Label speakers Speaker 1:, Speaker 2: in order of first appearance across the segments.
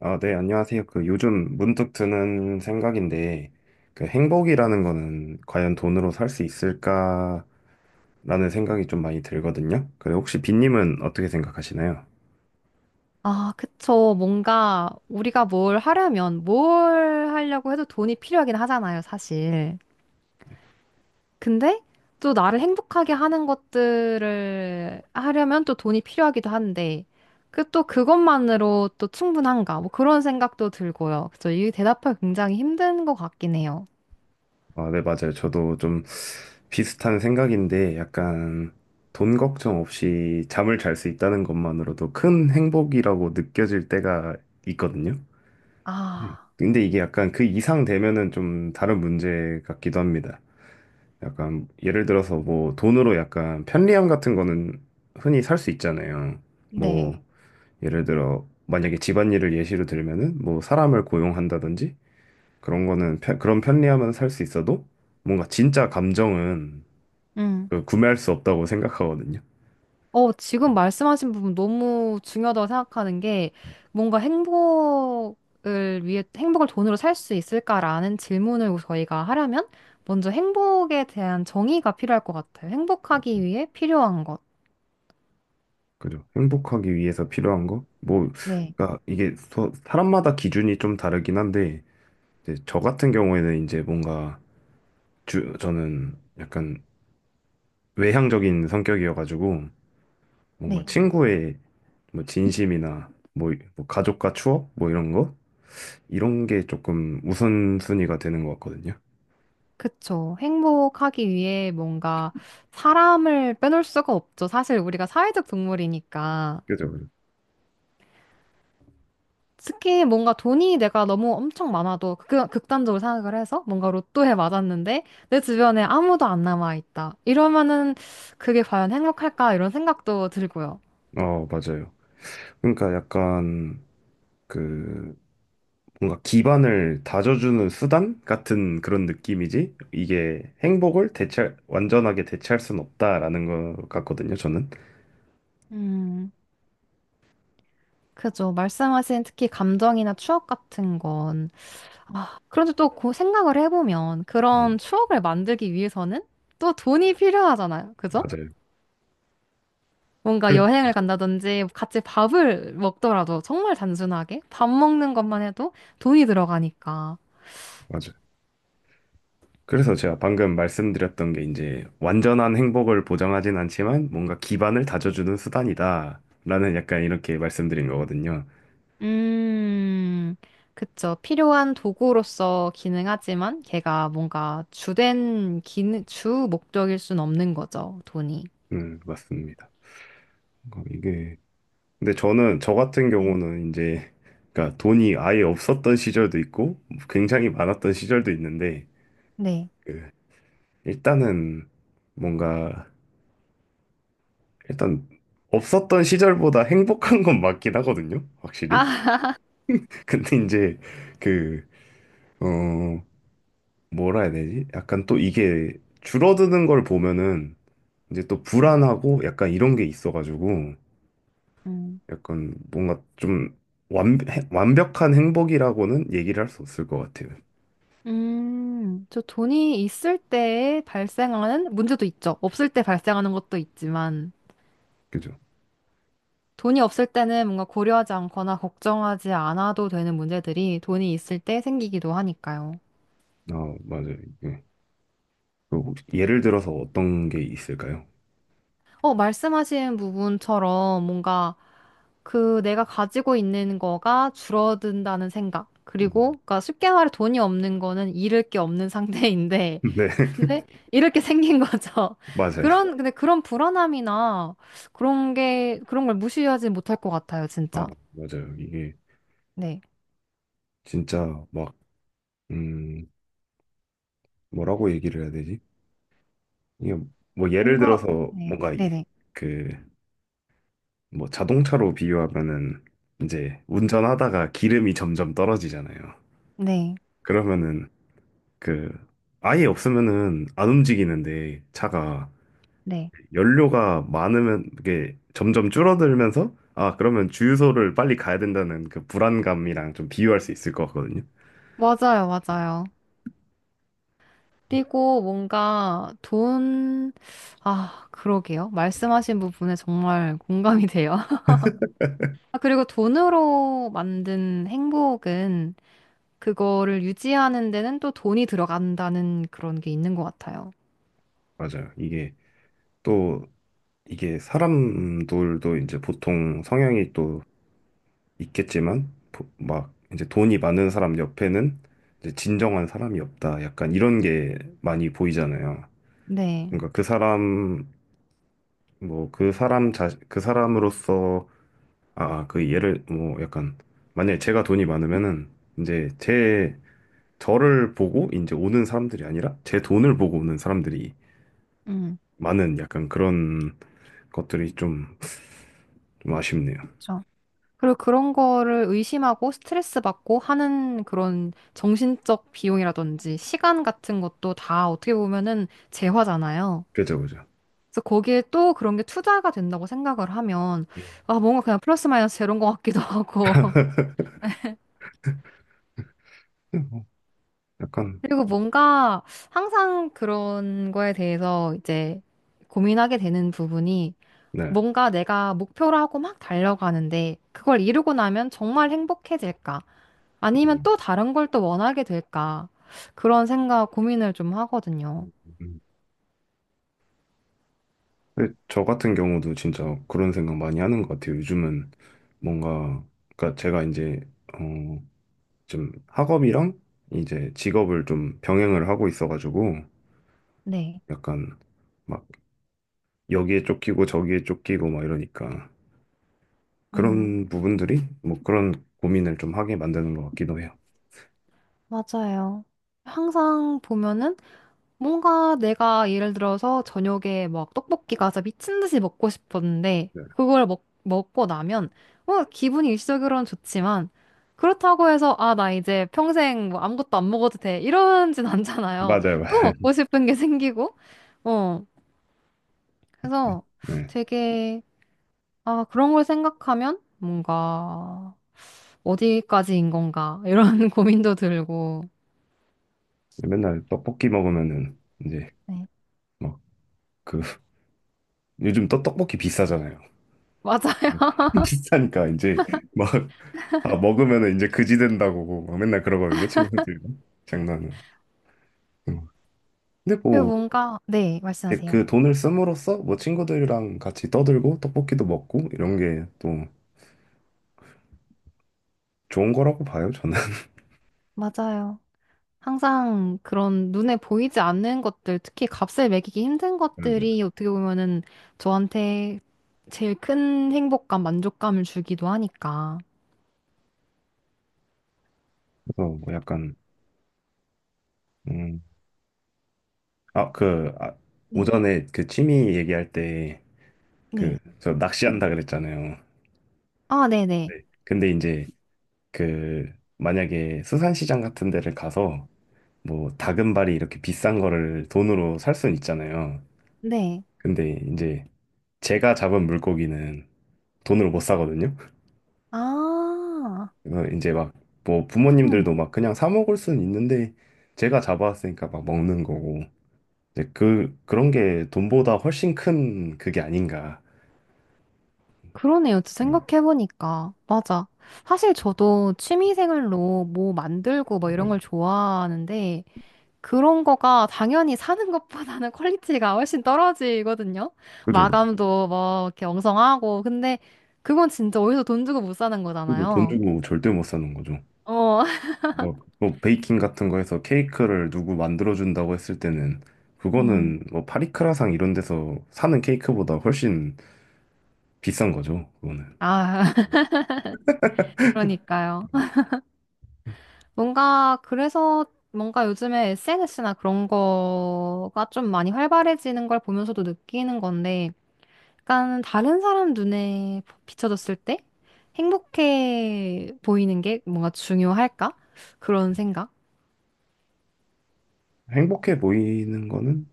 Speaker 1: 아, 네, 안녕하세요. 그 요즘 문득 드는 생각인데, 그 행복이라는 거는 과연 돈으로 살 수 있을까라는 생각이 좀 많이 들거든요. 그래, 혹시 빈님은 어떻게 생각하시나요?
Speaker 2: 아, 그쵸. 뭔가 우리가 뭘 하려면 뭘 하려고 해도 돈이 필요하긴 하잖아요, 사실. 근데 또 나를 행복하게 하는 것들을 하려면 또 돈이 필요하기도 한데, 그 또 그것만으로 또 충분한가? 뭐 그런 생각도 들고요. 그쵸. 이 대답하기 굉장히 힘든 것 같긴 해요.
Speaker 1: 아, 네, 맞아요. 저도 좀 비슷한 생각인데, 약간 돈 걱정 없이 잠을 잘 수 있다는 것만으로도 큰 행복이라고 느껴질 때가 있거든요. 네.
Speaker 2: 아,
Speaker 1: 근데 이게 약간 그 이상 되면은 좀 다른 문제 같기도 합니다. 약간 예를 들어서 뭐 돈으로 약간 편리함 같은 거는 흔히 살 수 있잖아요. 뭐
Speaker 2: 네.
Speaker 1: 예를 들어 만약에 집안일을 예시로 들면은 뭐 사람을 고용한다든지 그런 거는 그런 편리함은 살 수 있어도 뭔가 진짜 감정은
Speaker 2: 음.
Speaker 1: 그 구매할 수 없다고 생각하거든요.
Speaker 2: 어, 지금 말씀하신 부분 너무 중요하다고 생각하는 게 뭔가 행복을 위해 행복을 돈으로 살 수 있을까라는 질문을 저희가 하려면 먼저 행복에 대한 정의가 필요할 것 같아요. 행복하기 위해 필요한 것.
Speaker 1: 그죠? 행복하기 위해서 필요한 거? 뭐
Speaker 2: 네.
Speaker 1: 그러니까 이게 사람마다 기준이 좀 다르긴 한데 이제 저 같은 경우에는 이제 뭔가 저는 약간 외향적인 성격이어가지고 뭔가
Speaker 2: 네.
Speaker 1: 친구의 뭐 진심이나 뭐 가족과 추억 뭐 이런 거 이런 게 조금 우선순위가 되는 것 같거든요.
Speaker 2: 그쵸. 행복하기 위해 뭔가 사람을 빼놓을 수가 없죠. 사실 우리가 사회적 동물이니까.
Speaker 1: 그죠, 그죠.
Speaker 2: 특히 뭔가 돈이 내가 너무 엄청 많아도 극단적으로 생각을 해서 뭔가 로또에 맞았는데 내 주변에 아무도 안 남아 있다. 이러면은 그게 과연 행복할까? 이런 생각도 들고요.
Speaker 1: 어, 맞아요. 그러니까 약간 그 뭔가 기반을 다져주는 수단 같은 그런 느낌이지 이게 행복을 대체 완전하게 대체할 수는 없다라는 것 같거든요. 저는.
Speaker 2: 음, 그죠. 말씀하신 특히 감정이나 추억 같은 건. 그런데 또 그 생각을 해보면
Speaker 1: 음,
Speaker 2: 그런 추억을 만들기 위해서는 또 돈이 필요하잖아요. 그죠?
Speaker 1: 맞아요.
Speaker 2: 뭔가
Speaker 1: 그래.
Speaker 2: 여행을 간다든지 같이 밥을 먹더라도 정말 단순하게 밥 먹는 것만 해도 돈이 들어가니까.
Speaker 1: 맞아요. 그래서 제가 방금 말씀드렸던 게 이제 완전한 행복을 보장하진 않지만 뭔가 기반을 다져주는 수단이다라는 약간 이렇게 말씀드린 거거든요.
Speaker 2: 음, 그쵸. 필요한 도구로서 기능하지만 걔가 뭔가 주된 기능, 주 목적일 순 없는 거죠, 돈이.
Speaker 1: 맞습니다. 어, 이게 근데 저는 저 같은
Speaker 2: 네.
Speaker 1: 경우는 이제 그러니까 돈이 아예 없었던 시절도 있고 굉장히 많았던 시절도 있는데
Speaker 2: 네.
Speaker 1: 그 일단은 뭔가 일단 없었던 시절보다 행복한 건 맞긴 하거든요. 확실히.
Speaker 2: 아,
Speaker 1: 근데 이제 그 어, 뭐라 해야 되지? 약간 또 이게 줄어드는 걸 보면은 이제 또
Speaker 2: 네.
Speaker 1: 불안하고 약간 이런 게 있어가지고
Speaker 2: 음,
Speaker 1: 약간 뭔가 좀 완, 완벽한 행복이라고는 얘기를 할 수 없을 것 같아요.
Speaker 2: 저 돈이 있을 때 발생하는 문제도 있죠. 없을 때 발생하는 것도 있지만,
Speaker 1: 그죠?
Speaker 2: 돈이 없을 때는 뭔가 고려하지 않거나 걱정하지 않아도 되는 문제들이 돈이 있을 때 생기기도 하니까요.
Speaker 1: 아, 맞아요. 예. 그 혹시 예를 들어서 어떤 게 있을까요?
Speaker 2: 어, 말씀하신 부분처럼 뭔가 그 내가 가지고 있는 거가 줄어든다는 생각.
Speaker 1: 음.
Speaker 2: 그리고 그러니까 쉽게 말해 돈이 없는 거는 잃을 게 없는 상태인데
Speaker 1: 네,
Speaker 2: 근데 잃을 게 생긴 거죠.
Speaker 1: 맞아요.
Speaker 2: 그런 근데 그런 불안함이나 그런 게 그런 걸 무시하지 못할 것 같아요, 진짜.
Speaker 1: 아, 맞아요. 이게
Speaker 2: 네.
Speaker 1: 진짜 막, 음, 뭐라고 얘기를 해야 되지? 이게 뭐 예를
Speaker 2: 뭔가
Speaker 1: 들어서
Speaker 2: 네.
Speaker 1: 뭔가
Speaker 2: 네네.
Speaker 1: 그 뭐 자동차로 비유하면은 이제 운전하다가 기름이 점점 떨어지잖아요.
Speaker 2: 네.
Speaker 1: 그러면은 그 아예 없으면은 안 움직이는데 차가
Speaker 2: 네.
Speaker 1: 연료가 많으면 이게 점점 줄어들면서 아 그러면 주유소를 빨리 가야 된다는 그 불안감이랑 좀 비유할 수 있을 것 같거든요.
Speaker 2: 맞아요, 맞아요. 그리고 뭔가 돈, 아, 그러게요. 말씀하신 부분에 정말 공감이 돼요. 아, 그리고 돈으로 만든 행복은 그거를 유지하는 데는 또 돈이 들어간다는 그런 게 있는 것 같아요.
Speaker 1: 맞아요. 이게 또 이게 사람들도 이제 보통 성향이 또 있겠지만 막 이제 돈이 많은 사람 옆에는 이제 진정한 사람이 없다. 약간 이런 게 많이 보이잖아요.
Speaker 2: 네.
Speaker 1: 그러니까 그 사람 뭐 그 사람 자 그 사람으로서 그 예를 뭐 약간 만약에 제가 돈이 많으면은 이제 제 저를 보고 이제 오는 사람들이 아니라 제 돈을 보고 오는 사람들이
Speaker 2: 음,
Speaker 1: 많은 약간 그런 것들이 좀 아쉽네요.
Speaker 2: 그렇죠. 그리고 그런 거를 의심하고 스트레스 받고 하는 그런 정신적 비용이라든지 시간 같은 것도 다 어떻게 보면은 재화잖아요.
Speaker 1: 그죠, 그죠.
Speaker 2: 그래서 거기에 또 그런 게 투자가 된다고 생각을 하면 아, 뭔가 그냥 플러스 마이너스 제로인 것 같기도 하고.
Speaker 1: 음. 뭐 약간
Speaker 2: 그리고 뭔가 항상 그런 거에 대해서 이제 고민하게 되는 부분이
Speaker 1: 네.
Speaker 2: 뭔가 내가 목표로 하고 막 달려가는데 그걸 이루고 나면 정말 행복해질까? 아니면
Speaker 1: 음,
Speaker 2: 또 다른 걸 또 원하게 될까? 그런 생각 고민을 좀 하거든요.
Speaker 1: 음. 근데 저 같은 경우도 진짜 그런 생각 많이 하는 것 같아요. 요즘은 뭔가, 그러니까 어, 좀 학업이랑 이제 직업을 좀 병행을 하고 있어가지고
Speaker 2: 네.
Speaker 1: 약간 막 여기에 쫓기고 저기에 쫓기고 막 이러니까
Speaker 2: 음,
Speaker 1: 그런 부분들이 뭐 그런 고민을 좀 하게 만드는 것 같기도 해요.
Speaker 2: 맞아요. 항상 보면은 뭔가 내가 예를 들어서 저녁에 막 떡볶이가 진짜 미친 듯이 먹고 싶었는데
Speaker 1: 네.
Speaker 2: 그걸 먹고 나면 뭐 기분이 일시적으로는 좋지만 그렇다고 해서 아, 나 이제 평생 뭐 아무것도 안 먹어도 돼 이러진 않잖아요.
Speaker 1: 맞아요,
Speaker 2: 또
Speaker 1: 맞아요.
Speaker 2: 먹고 싶은 게 생기고 어 그래서
Speaker 1: 네.
Speaker 2: 되게 아 그런 걸 생각하면 뭔가 어디까지인 건가 이런 고민도 들고
Speaker 1: 맨날 떡볶이 먹으면은 이제
Speaker 2: 네
Speaker 1: 막 그 요즘 또 떡볶이 비싸잖아요.
Speaker 2: 맞아요.
Speaker 1: 비싸니까 이제 막 아, 먹으면은 이제 그지 된다고 뭐 막 맨날 그러거든요, 친구들이랑. 장난은. 음. 근데 뭐,
Speaker 2: 뭔가 네
Speaker 1: 이제
Speaker 2: 말씀하세요.
Speaker 1: 그 돈을 씀으로써 뭐 친구들이랑 같이 떠들고 떡볶이도 먹고 이런 게 또 좋은 거라고 봐요, 저는.
Speaker 2: 맞아요. 항상 그런 눈에 보이지 않는 것들, 특히 값을 매기기 힘든 것들이 어떻게 보면은 저한테 제일 큰 행복감, 만족감을 주기도 하니까.
Speaker 1: 그래서 뭐 약간, 음, 아, 그, 아,
Speaker 2: 네.
Speaker 1: 오전에 그 취미 얘기할 때 그,
Speaker 2: 네.
Speaker 1: 저 낚시한다 그랬잖아요.
Speaker 2: 아, 네네.
Speaker 1: 네. 근데 이제 그, 만약에 수산시장 같은 데를 가서 뭐 다금발이 이렇게 비싼 거를 돈으로 살 순 있잖아요.
Speaker 2: 네.
Speaker 1: 근데 이제 제가 잡은 물고기는 돈으로 못 사거든요.
Speaker 2: 아,
Speaker 1: 그래서 이제 막 뭐
Speaker 2: 그러네.
Speaker 1: 부모님들도 막 그냥 사 먹을 수는 있는데 제가 잡아왔으니까 막 먹는 거고 이제 그 그런 게 돈보다 훨씬 큰 그게 아닌가.
Speaker 2: 그러네요. 또
Speaker 1: 음,
Speaker 2: 생각해보니까. 맞아. 사실 저도 취미생활로 뭐 만들고 뭐 이런
Speaker 1: 네.
Speaker 2: 걸 좋아하는데, 그런 거가 당연히 사는 것보다는 퀄리티가 훨씬 떨어지거든요.
Speaker 1: 그죠.
Speaker 2: 마감도 뭐 이렇게 엉성하고. 근데 그건 진짜 어디서 돈 주고 못 사는
Speaker 1: 그죠. 돈
Speaker 2: 거잖아요.
Speaker 1: 주고 절대 못 사는 거죠.
Speaker 2: 어.
Speaker 1: 뭐, 뭐 베이킹 같은 거 해서 케이크를 누구 만들어 준다고 했을 때는
Speaker 2: 음.
Speaker 1: 그거는 뭐 파리크라상 이런 데서 사는 케이크보다 훨씬 비싼 거죠. 그거는
Speaker 2: 아, 그러니까요. 뭔가 그래서 뭔가 요즘에 SNS나 그런 거가 좀 많이 활발해지는 걸 보면서도 느끼는 건데 약간 다른 사람 눈에 비춰졌을 때 행복해 보이는 게 뭔가 중요할까? 그런 생각.
Speaker 1: 행복해 보이는 거는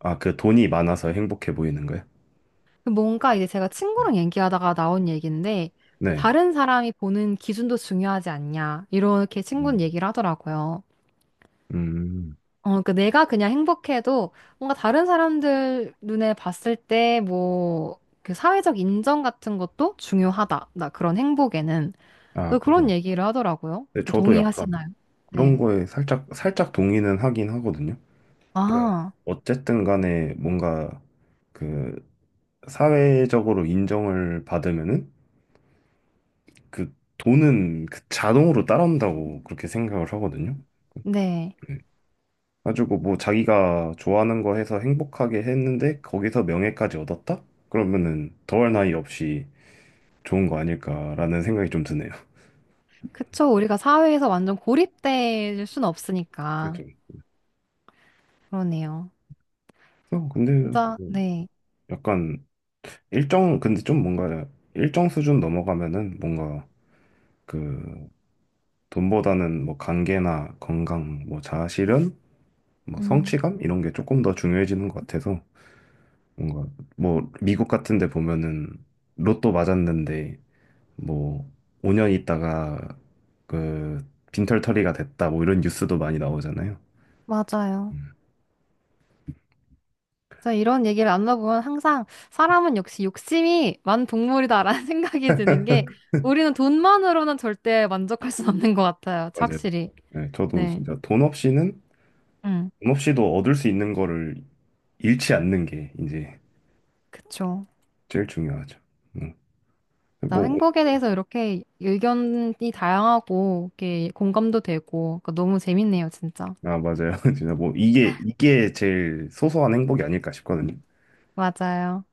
Speaker 1: 아, 그 돈이 많아서 행복해 보이는 거예요?
Speaker 2: 그 뭔가 이제 제가
Speaker 1: 음.
Speaker 2: 친구랑 얘기하다가 나온 얘기인데,
Speaker 1: 네.
Speaker 2: 다른 사람이 보는 기준도 중요하지 않냐, 이렇게
Speaker 1: 음.
Speaker 2: 친구는 얘기를 하더라고요.
Speaker 1: 음,
Speaker 2: 어, 그 내가 그냥 행복해도 뭔가 다른 사람들 눈에 봤을 때 뭐, 그 사회적 인정 같은 것도 중요하다. 나 그런 행복에는.
Speaker 1: 아,
Speaker 2: 또 그런
Speaker 1: 그죠.
Speaker 2: 얘기를 하더라고요.
Speaker 1: 근데
Speaker 2: 또
Speaker 1: 저도 약간
Speaker 2: 동의하시나요?
Speaker 1: 그런
Speaker 2: 네.
Speaker 1: 거에 살짝 동의는 하긴 하거든요. 네.
Speaker 2: 아,
Speaker 1: 어쨌든 간에 뭔가 그 사회적으로 인정을 받으면은 그 돈은 그 자동으로 따라온다고 그렇게 생각을 하거든요.
Speaker 2: 네.
Speaker 1: 네. 가지고 뭐 자기가 좋아하는 거 해서 행복하게 했는데 거기서 명예까지 얻었다? 그러면은 더할 나위 없이 좋은 거 아닐까라는 생각이 좀 드네요.
Speaker 2: 그쵸. 우리가 사회에서 완전 고립될 순 없으니까.
Speaker 1: 그래도
Speaker 2: 그러네요.
Speaker 1: 어, 근데
Speaker 2: 진짜,
Speaker 1: 뭐
Speaker 2: 네.
Speaker 1: 약간 일정 근데 좀 뭔가 일정 수준 넘어가면은 뭔가 그 돈보다는 뭐 관계나 건강 뭐 자아실현 뭐
Speaker 2: 음.
Speaker 1: 성취감 이런 게 조금 더 중요해지는 것 같아서 뭔가 뭐 미국 같은 데 보면은 로또 맞았는데 뭐 5년 있다가 그 빈털터리가 됐다 뭐 이런 뉴스도 많이 나오잖아요.
Speaker 2: 맞아요. 진짜 이런 얘기를 나눠보면 항상 사람은 역시 욕심이 많은 동물이다라는 생각이 드는 게 우리는 돈만으로는 절대 만족할 수 없는 것 같아요.
Speaker 1: 맞아요.
Speaker 2: 확실히.
Speaker 1: 네, 저도
Speaker 2: 네.
Speaker 1: 진짜 돈 없이는
Speaker 2: 음,
Speaker 1: 돈 없이도 얻을 수 있는 거를 잃지 않는 게 이제
Speaker 2: 그쵸.
Speaker 1: 제일 중요하죠. 음.
Speaker 2: 나
Speaker 1: 뭐,
Speaker 2: 행복에 대해서 이렇게 의견이 다양하고 이렇게 공감도 되고 그러니까 너무 재밌네요, 진짜.
Speaker 1: 아, 맞아요. 진짜 뭐, 이게, 이게 제일 소소한 행복이 아닐까 싶거든요.
Speaker 2: 맞아요.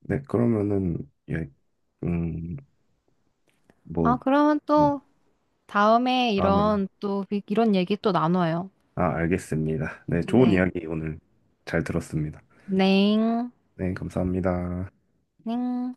Speaker 1: 네, 그러면은, 예, 음, 뭐,
Speaker 2: 아, 그러면
Speaker 1: 네,
Speaker 2: 또 다음에
Speaker 1: 다음에,
Speaker 2: 이런 또 이런 얘기 또 나눠요.
Speaker 1: 아, 알겠습니다. 네, 좋은
Speaker 2: 네.
Speaker 1: 이야기 오늘 잘 들었습니다.
Speaker 2: 넹.
Speaker 1: 네, 감사합니다.
Speaker 2: 넹.